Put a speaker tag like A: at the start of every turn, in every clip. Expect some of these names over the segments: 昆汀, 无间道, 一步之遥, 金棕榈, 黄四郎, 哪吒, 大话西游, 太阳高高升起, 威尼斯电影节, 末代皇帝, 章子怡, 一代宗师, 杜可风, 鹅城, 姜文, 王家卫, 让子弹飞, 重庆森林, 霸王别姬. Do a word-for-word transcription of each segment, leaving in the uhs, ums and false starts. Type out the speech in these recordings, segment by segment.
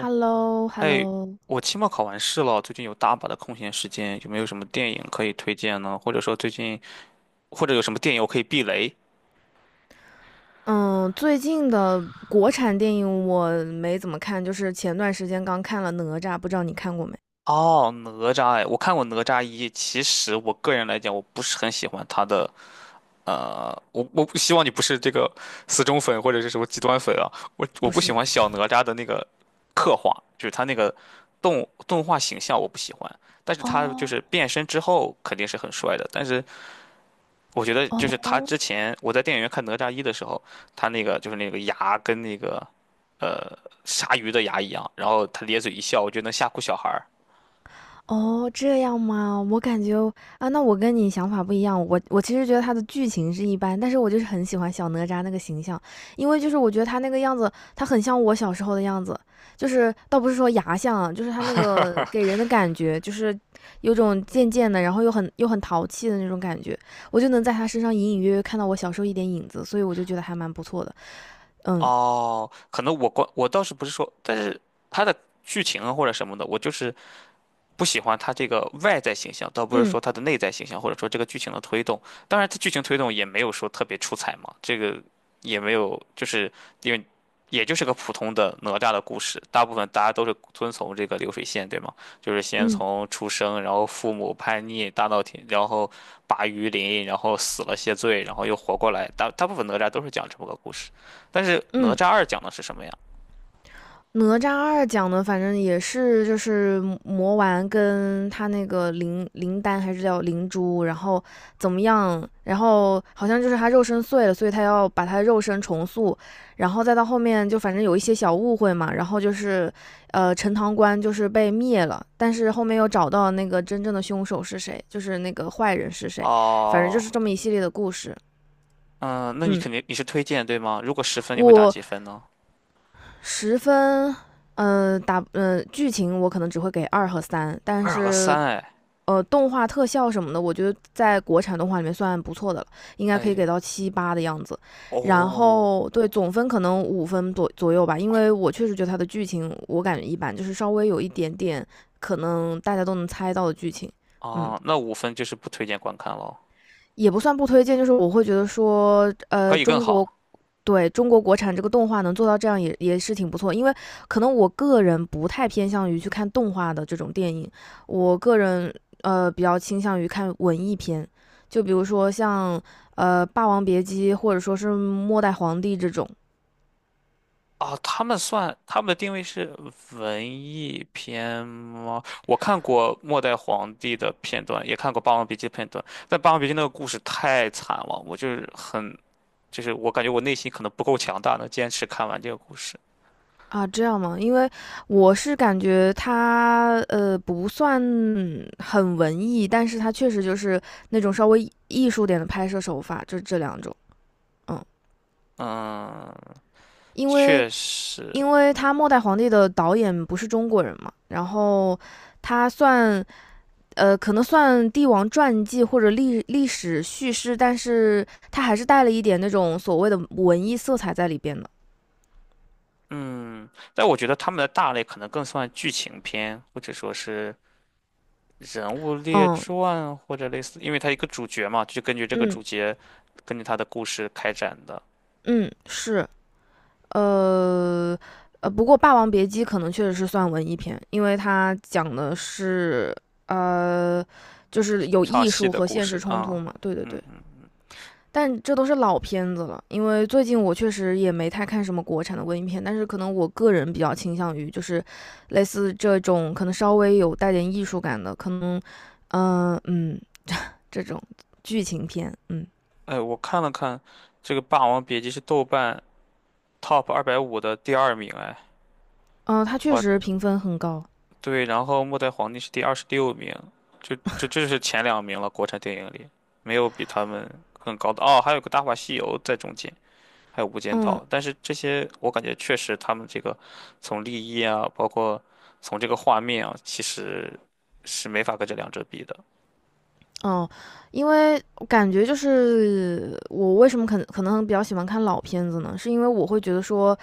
A: h e l l o h e l l o.
B: 哎，我期末考完试了，最近有大把的空闲时间，有没有什么电影可以推荐呢？或者说最近，或者有什么电影我可以避雷？
A: 嗯，最近的国产电影我没怎么看，就是前段时间刚看了《哪吒》，不知道你看过没？
B: 哦，哪吒，哎，我看过《哪吒一》。其实我个人来讲，我不是很喜欢他的，呃，我我不希望你不是这个死忠粉或者是什么极端粉啊。我我
A: 不
B: 不喜
A: 是。
B: 欢小哪吒的那个刻画，就是他那个动动画形象我不喜欢，但是他就
A: 哦
B: 是变身之后肯定是很帅的，但是。我觉得就是他
A: 哦，
B: 之前我在电影院看《哪吒一》的时候，他那个就是那个牙跟那个呃鲨鱼的牙一样，然后他咧嘴一笑，我觉得能吓哭小孩儿。
A: 哦，这样吗？我感觉啊，那我跟你想法不一样。我我其实觉得他的剧情是一般，但是我就是很喜欢小哪吒那个形象，因为就是我觉得他那个样子，他很像我小时候的样子，就是倒不是说牙像啊，就是他那个给 人的感觉，就是有种贱贱的，然后又很又很淘气的那种感觉，我就能在他身上隐隐约约看到我小时候一点影子，所以我就觉得还蛮不错的。嗯。
B: 哦，可能我关我倒是不是说，但是他的剧情啊或者什么的，我就是不喜欢他这个外在形象，倒不是
A: 嗯。
B: 说他的内在形象，或者说这个剧情的推动。当然，他剧情推动也没有说特别出彩嘛，这个也没有，就是因为也就是个普通的哪吒的故事，大部分大家都是遵从这个流水线，对吗？就是先
A: 嗯。
B: 从出生，然后父母叛逆大闹天，然后拔鱼鳞，然后死了谢罪，然后又活过来，大大部分哪吒都是讲这么个故事。但是哪
A: 嗯。
B: 吒二讲的是什么呀？
A: 哪吒二讲的，反正也是就是魔丸跟他那个灵灵丹还是叫灵珠，然后怎么样？然后好像就是他肉身碎了，所以他要把他肉身重塑，然后再到后面就反正有一些小误会嘛，然后就是呃陈塘关就是被灭了，但是后面又找到那个真正的凶手是谁，就是那个坏人是谁，反正就是
B: 哦，
A: 这么一系列的故事。
B: 嗯，那你
A: 嗯，
B: 肯定你是推荐对吗？如果十分，你会打
A: 我
B: 几分呢？
A: 十分。嗯打，嗯剧情我可能只会给二和三，但
B: 二和
A: 是
B: 三，哎，
A: 呃，动画特效什么的，我觉得在国产动画里面算不错的了，应该可以给
B: 哎，
A: 到七八的样子。然
B: 哦，
A: 后对总分可能五分左左右吧，因为我确实觉得它的剧情我感觉一般，就是稍微有一点点可能大家都能猜到的剧情。嗯，
B: 啊，那五分就是不推荐观看了，
A: 也不算不推荐，就是我会觉得说，
B: 可
A: 呃，
B: 以更
A: 中国
B: 好
A: 对中国国产这个动画能做到这样也也是挺不错，因为可能我个人不太偏向于去看动画的这种电影，我个人呃比较倾向于看文艺片，就比如说像呃《霸王别姬》或者说是《末代皇帝》这种。
B: 啊。他们算他们的定位是文艺片吗？我看过《末代皇帝》的片段，也看过《霸王别姬》的片段，但《霸王别姬》那个故事太惨了，我就是很，就是我感觉我内心可能不够强大，能坚持看完这个故事。
A: 啊，这样吗？因为我是感觉它呃不算很文艺，但是它确实就是那种稍微艺术点的拍摄手法，就这两种。嗯，
B: 嗯，
A: 因为
B: 确实，
A: 因为他《末代皇帝》的导演不是中国人嘛，然后他算呃，可能算帝王传记或者历历史叙事，但是他还是带了一点那种所谓的文艺色彩在里边的。
B: 嗯，但我觉得他们的大类可能更算剧情片，或者说是人物列
A: 嗯。
B: 传，或者类似，因为他一个主角嘛，就根据这个
A: 嗯。
B: 主角，根据他的故事开展的
A: 嗯，是。呃呃，不过《霸王别姬》可能确实是算文艺片，因为它讲的是呃，就是有
B: 唱
A: 艺
B: 戏
A: 术
B: 的
A: 和
B: 故
A: 现实
B: 事
A: 冲突
B: 啊。
A: 嘛。对对
B: 嗯
A: 对。
B: 嗯，
A: 但这都是老片子了，因为最近我确实也没太看什么国产的文艺片，但是可能我个人比较倾向于就是类似这种可能稍微有带点艺术感的，可能，嗯、呃嗯，这种剧情片。嗯。
B: 哎，我看了看，这个《霸王别姬》是豆瓣 Top 二百五的第二名，哎，
A: 嗯，呃，它确
B: 哇，
A: 实评分很高。
B: 对，然后《末代皇帝》是第二十六名，就这这就是前两名了，国产电影里没有比他们更高的哦，还有个《大话西游》在中间。还有《无 间道》，
A: 嗯。
B: 但是这些我感觉确实他们这个从立意啊，包括从这个画面啊，其实是没法跟这两者比的
A: 哦，因为我感觉就是我为什么可能可能比较喜欢看老片子呢？是因为我会觉得说，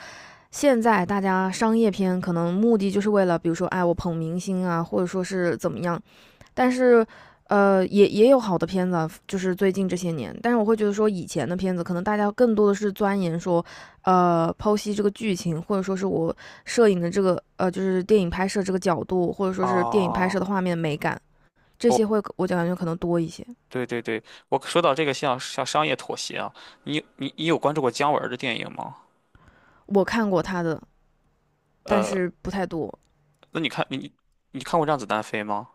A: 现在大家商业片可能目的就是为了，比如说，哎，我捧明星啊，或者说是怎么样，但是，呃，也也有好的片子啊就是最近这些年。但是我会觉得说，以前的片子可能大家更多的是钻研说，呃，剖析这个剧情，或者说是我摄影的这个，呃，就是电影拍摄这个角度，或者说是电影拍摄
B: 啊。
A: 的画面美感，这
B: 哦，
A: 些会我感觉可能多一些。
B: 对对对，我说到这个像像商业妥协啊，你你你有关注过姜文儿的电影吗？
A: 我看过他的，但
B: 呃，
A: 是不太多。
B: 那你看你你看过《让子弹飞》吗？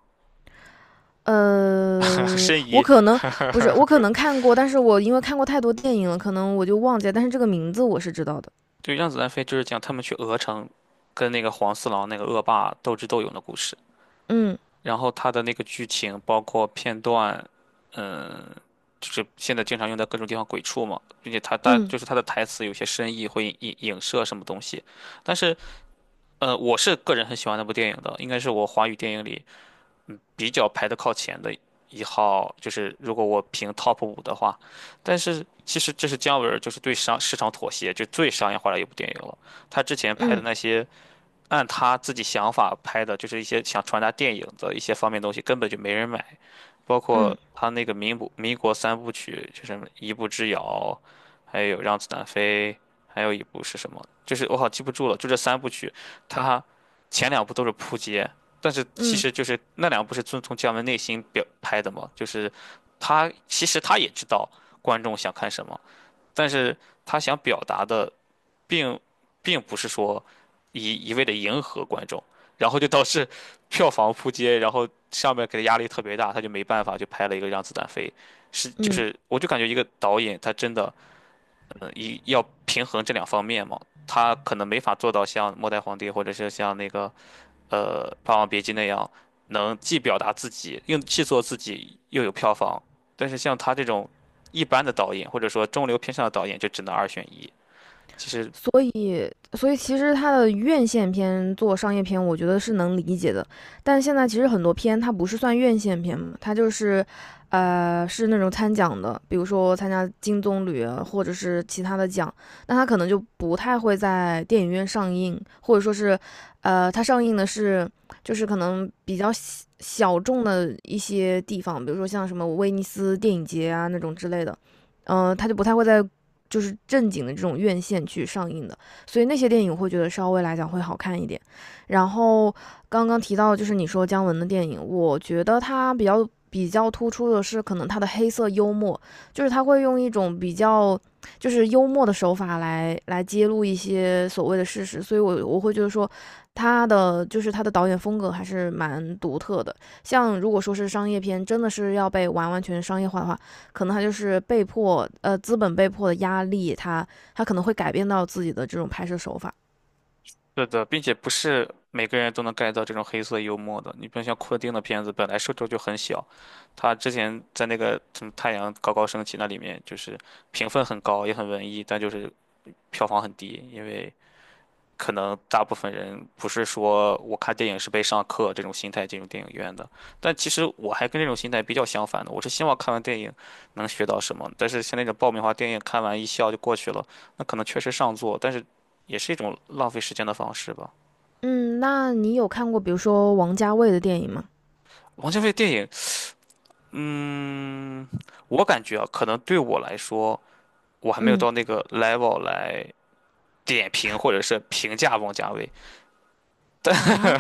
A: 呃，
B: 申
A: 我
B: 遗，
A: 可能不是，我可能看过，但是我因为看过太多电影了，可能我就忘记了。但是这个名字我是知道的。
B: 对，《让子弹飞》就是讲他们去鹅城跟那个黄四郎那个恶霸斗智斗勇的故事。
A: 嗯。
B: 然后他的那个剧情包括片段，嗯，就是现在经常用在各种地方鬼畜嘛，并且他大
A: 嗯。
B: 就是他的台词有些深意，会影影射什么东西。但是，呃，我是个人很喜欢那部电影的，应该是我华语电影里比较排的靠前的一号，就是如果我评 top 五的话。但是其实这是姜文儿就是对商市场妥协，就最商业化的一部电影了。他之前拍的
A: 嗯。
B: 那些。按他自己想法拍的，就是一些想传达电影的一些方面东西，根本就没人买。包括
A: 嗯。
B: 他那个民不民国三部曲，就是什么一步之遥》，还有《让子弹飞》，还有一部是什么？就是我好记不住了。就这三部曲，他前两部都是扑街，但是其
A: 嗯。
B: 实就是那两部是遵从姜文内心表拍的嘛，就是他其实他也知道观众想看什么，但是他想表达的。并并不是说一一味的迎合观众，然后就导致 票房扑街，然后上面给他压力特别大，他就没办法就拍了一个《让子弹飞》，是就
A: 嗯，
B: 是我就感觉一个导演他真的嗯一要平衡这两方面嘛。他可能没法做到像《末代皇帝》或者是像那个呃《霸王别姬》那样，能既表达自己又既做自己又有票房，但是像他这种一般的导演或者说中流偏上的导演就只能二选一，其实
A: 所以所以其实他的院线片做商业片，我觉得是能理解的。但现在其实很多片它不是算院线片嘛，它就是，呃，是那种参奖的，比如说参加金棕榈啊或者是其他的奖，那它可能就不太会在电影院上映，或者说是，呃，它上映的是就是可能比较小小众的一些地方，比如说像什么威尼斯电影节啊那种之类的。嗯、呃，它就不太会在就是正经的这种院线去上映的，所以那些电影我会觉得稍微来讲会好看一点。然后刚刚提到就是你说姜文的电影，我觉得他比较比较突出的是可能他的黑色幽默，就是他会用一种比较就是幽默的手法来来揭露一些所谓的事实，所以我我会觉得说他的就是他的导演风格还是蛮独特的。像如果说是商业片，真的是要被完完全商业化的话，可能他就是被迫，呃，资本被迫的压力，他他可能会改变到自己的这种拍摄手法。
B: 是的。并且不是每个人都能 get 到这种黑色幽默的。你比如像昆汀的片子，本来受众就很小，他之前在那个什么《太阳高高升起》那里面，就是评分很高，也很文艺，但就是票房很低，因为可能大部分人不是说我看电影是被上课这种心态进入电影院的。但其实我还跟这种心态比较相反的，我是希望看完电影能学到什么。但是像那种爆米花电影，看完一笑就过去了，那可能确实上座，但是也是一种浪费时间的方式吧。
A: 嗯，那你有看过比如说王家卫的电影吗？
B: 王家卫电影，嗯，我感觉啊，可能对我来说，我还没有
A: 嗯
B: 到那个 level 来点评或者是评价王家卫。
A: 啊。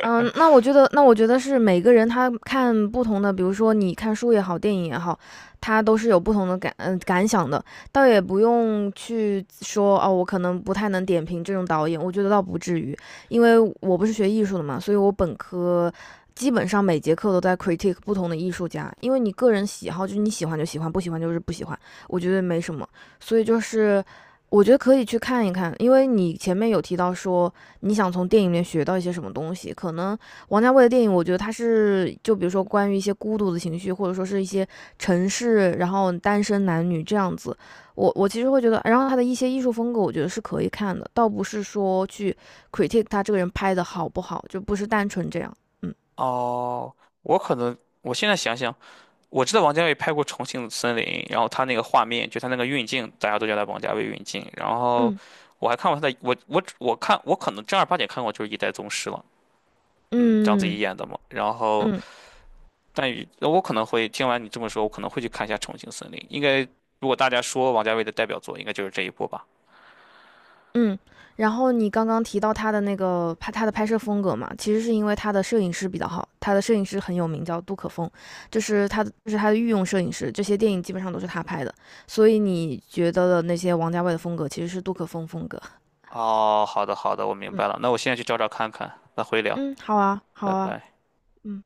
A: 嗯，那我觉得那我觉得是每个人他看不同的，比如说你看书也好，电影也好，他都是有不同的感嗯、感想的，倒也不用去说哦，我可能不太能点评这种导演，我觉得倒不至于，因为我不是学艺术的嘛，所以我本科基本上每节课都在 critique 不同的艺术家，因为你个人喜好就是你喜欢就喜欢，不喜欢就是不喜欢，我觉得没什么，所以就是我觉得可以去看一看，因为你前面有提到说你想从电影里面学到一些什么东西？可能王家卫的电影，我觉得他是就比如说关于一些孤独的情绪，或者说是一些城市，然后单身男女这样子。我我其实会觉得，然后他的一些艺术风格，我觉得是可以看的，倒不是说去 critique 他这个人拍的好不好，就不是单纯这样。嗯。
B: 哦，我可能我现在想想，我知道王家卫拍过《重庆森林》，然后他那个画面，就他那个运镜，大家都叫他王家卫运镜。然后
A: 嗯。
B: 我还看过他的，我我我看我可能正儿八经看过就是《一代宗师》了，嗯，章子怡
A: 嗯。
B: 演的嘛。然后
A: 嗯。
B: 但与那我可能会听完你这么说，我可能会去看一下《重庆森林》。应该，如果大家说王家卫的代表作，应该就是这一部吧。
A: 嗯，然后你刚刚提到他的那个拍他的拍摄风格嘛，其实是因为他的摄影师比较好，他的摄影师很有名，叫杜可风，就是他的，就是他的御用摄影师，这些电影基本上都是他拍的，所以你觉得的那些王家卫的风格其实是杜可风风格。
B: 哦，好的好的，我明
A: 嗯。
B: 白了。那我现在去找找看看，那回聊，
A: 嗯，好啊好
B: 拜
A: 啊。
B: 拜。
A: 嗯。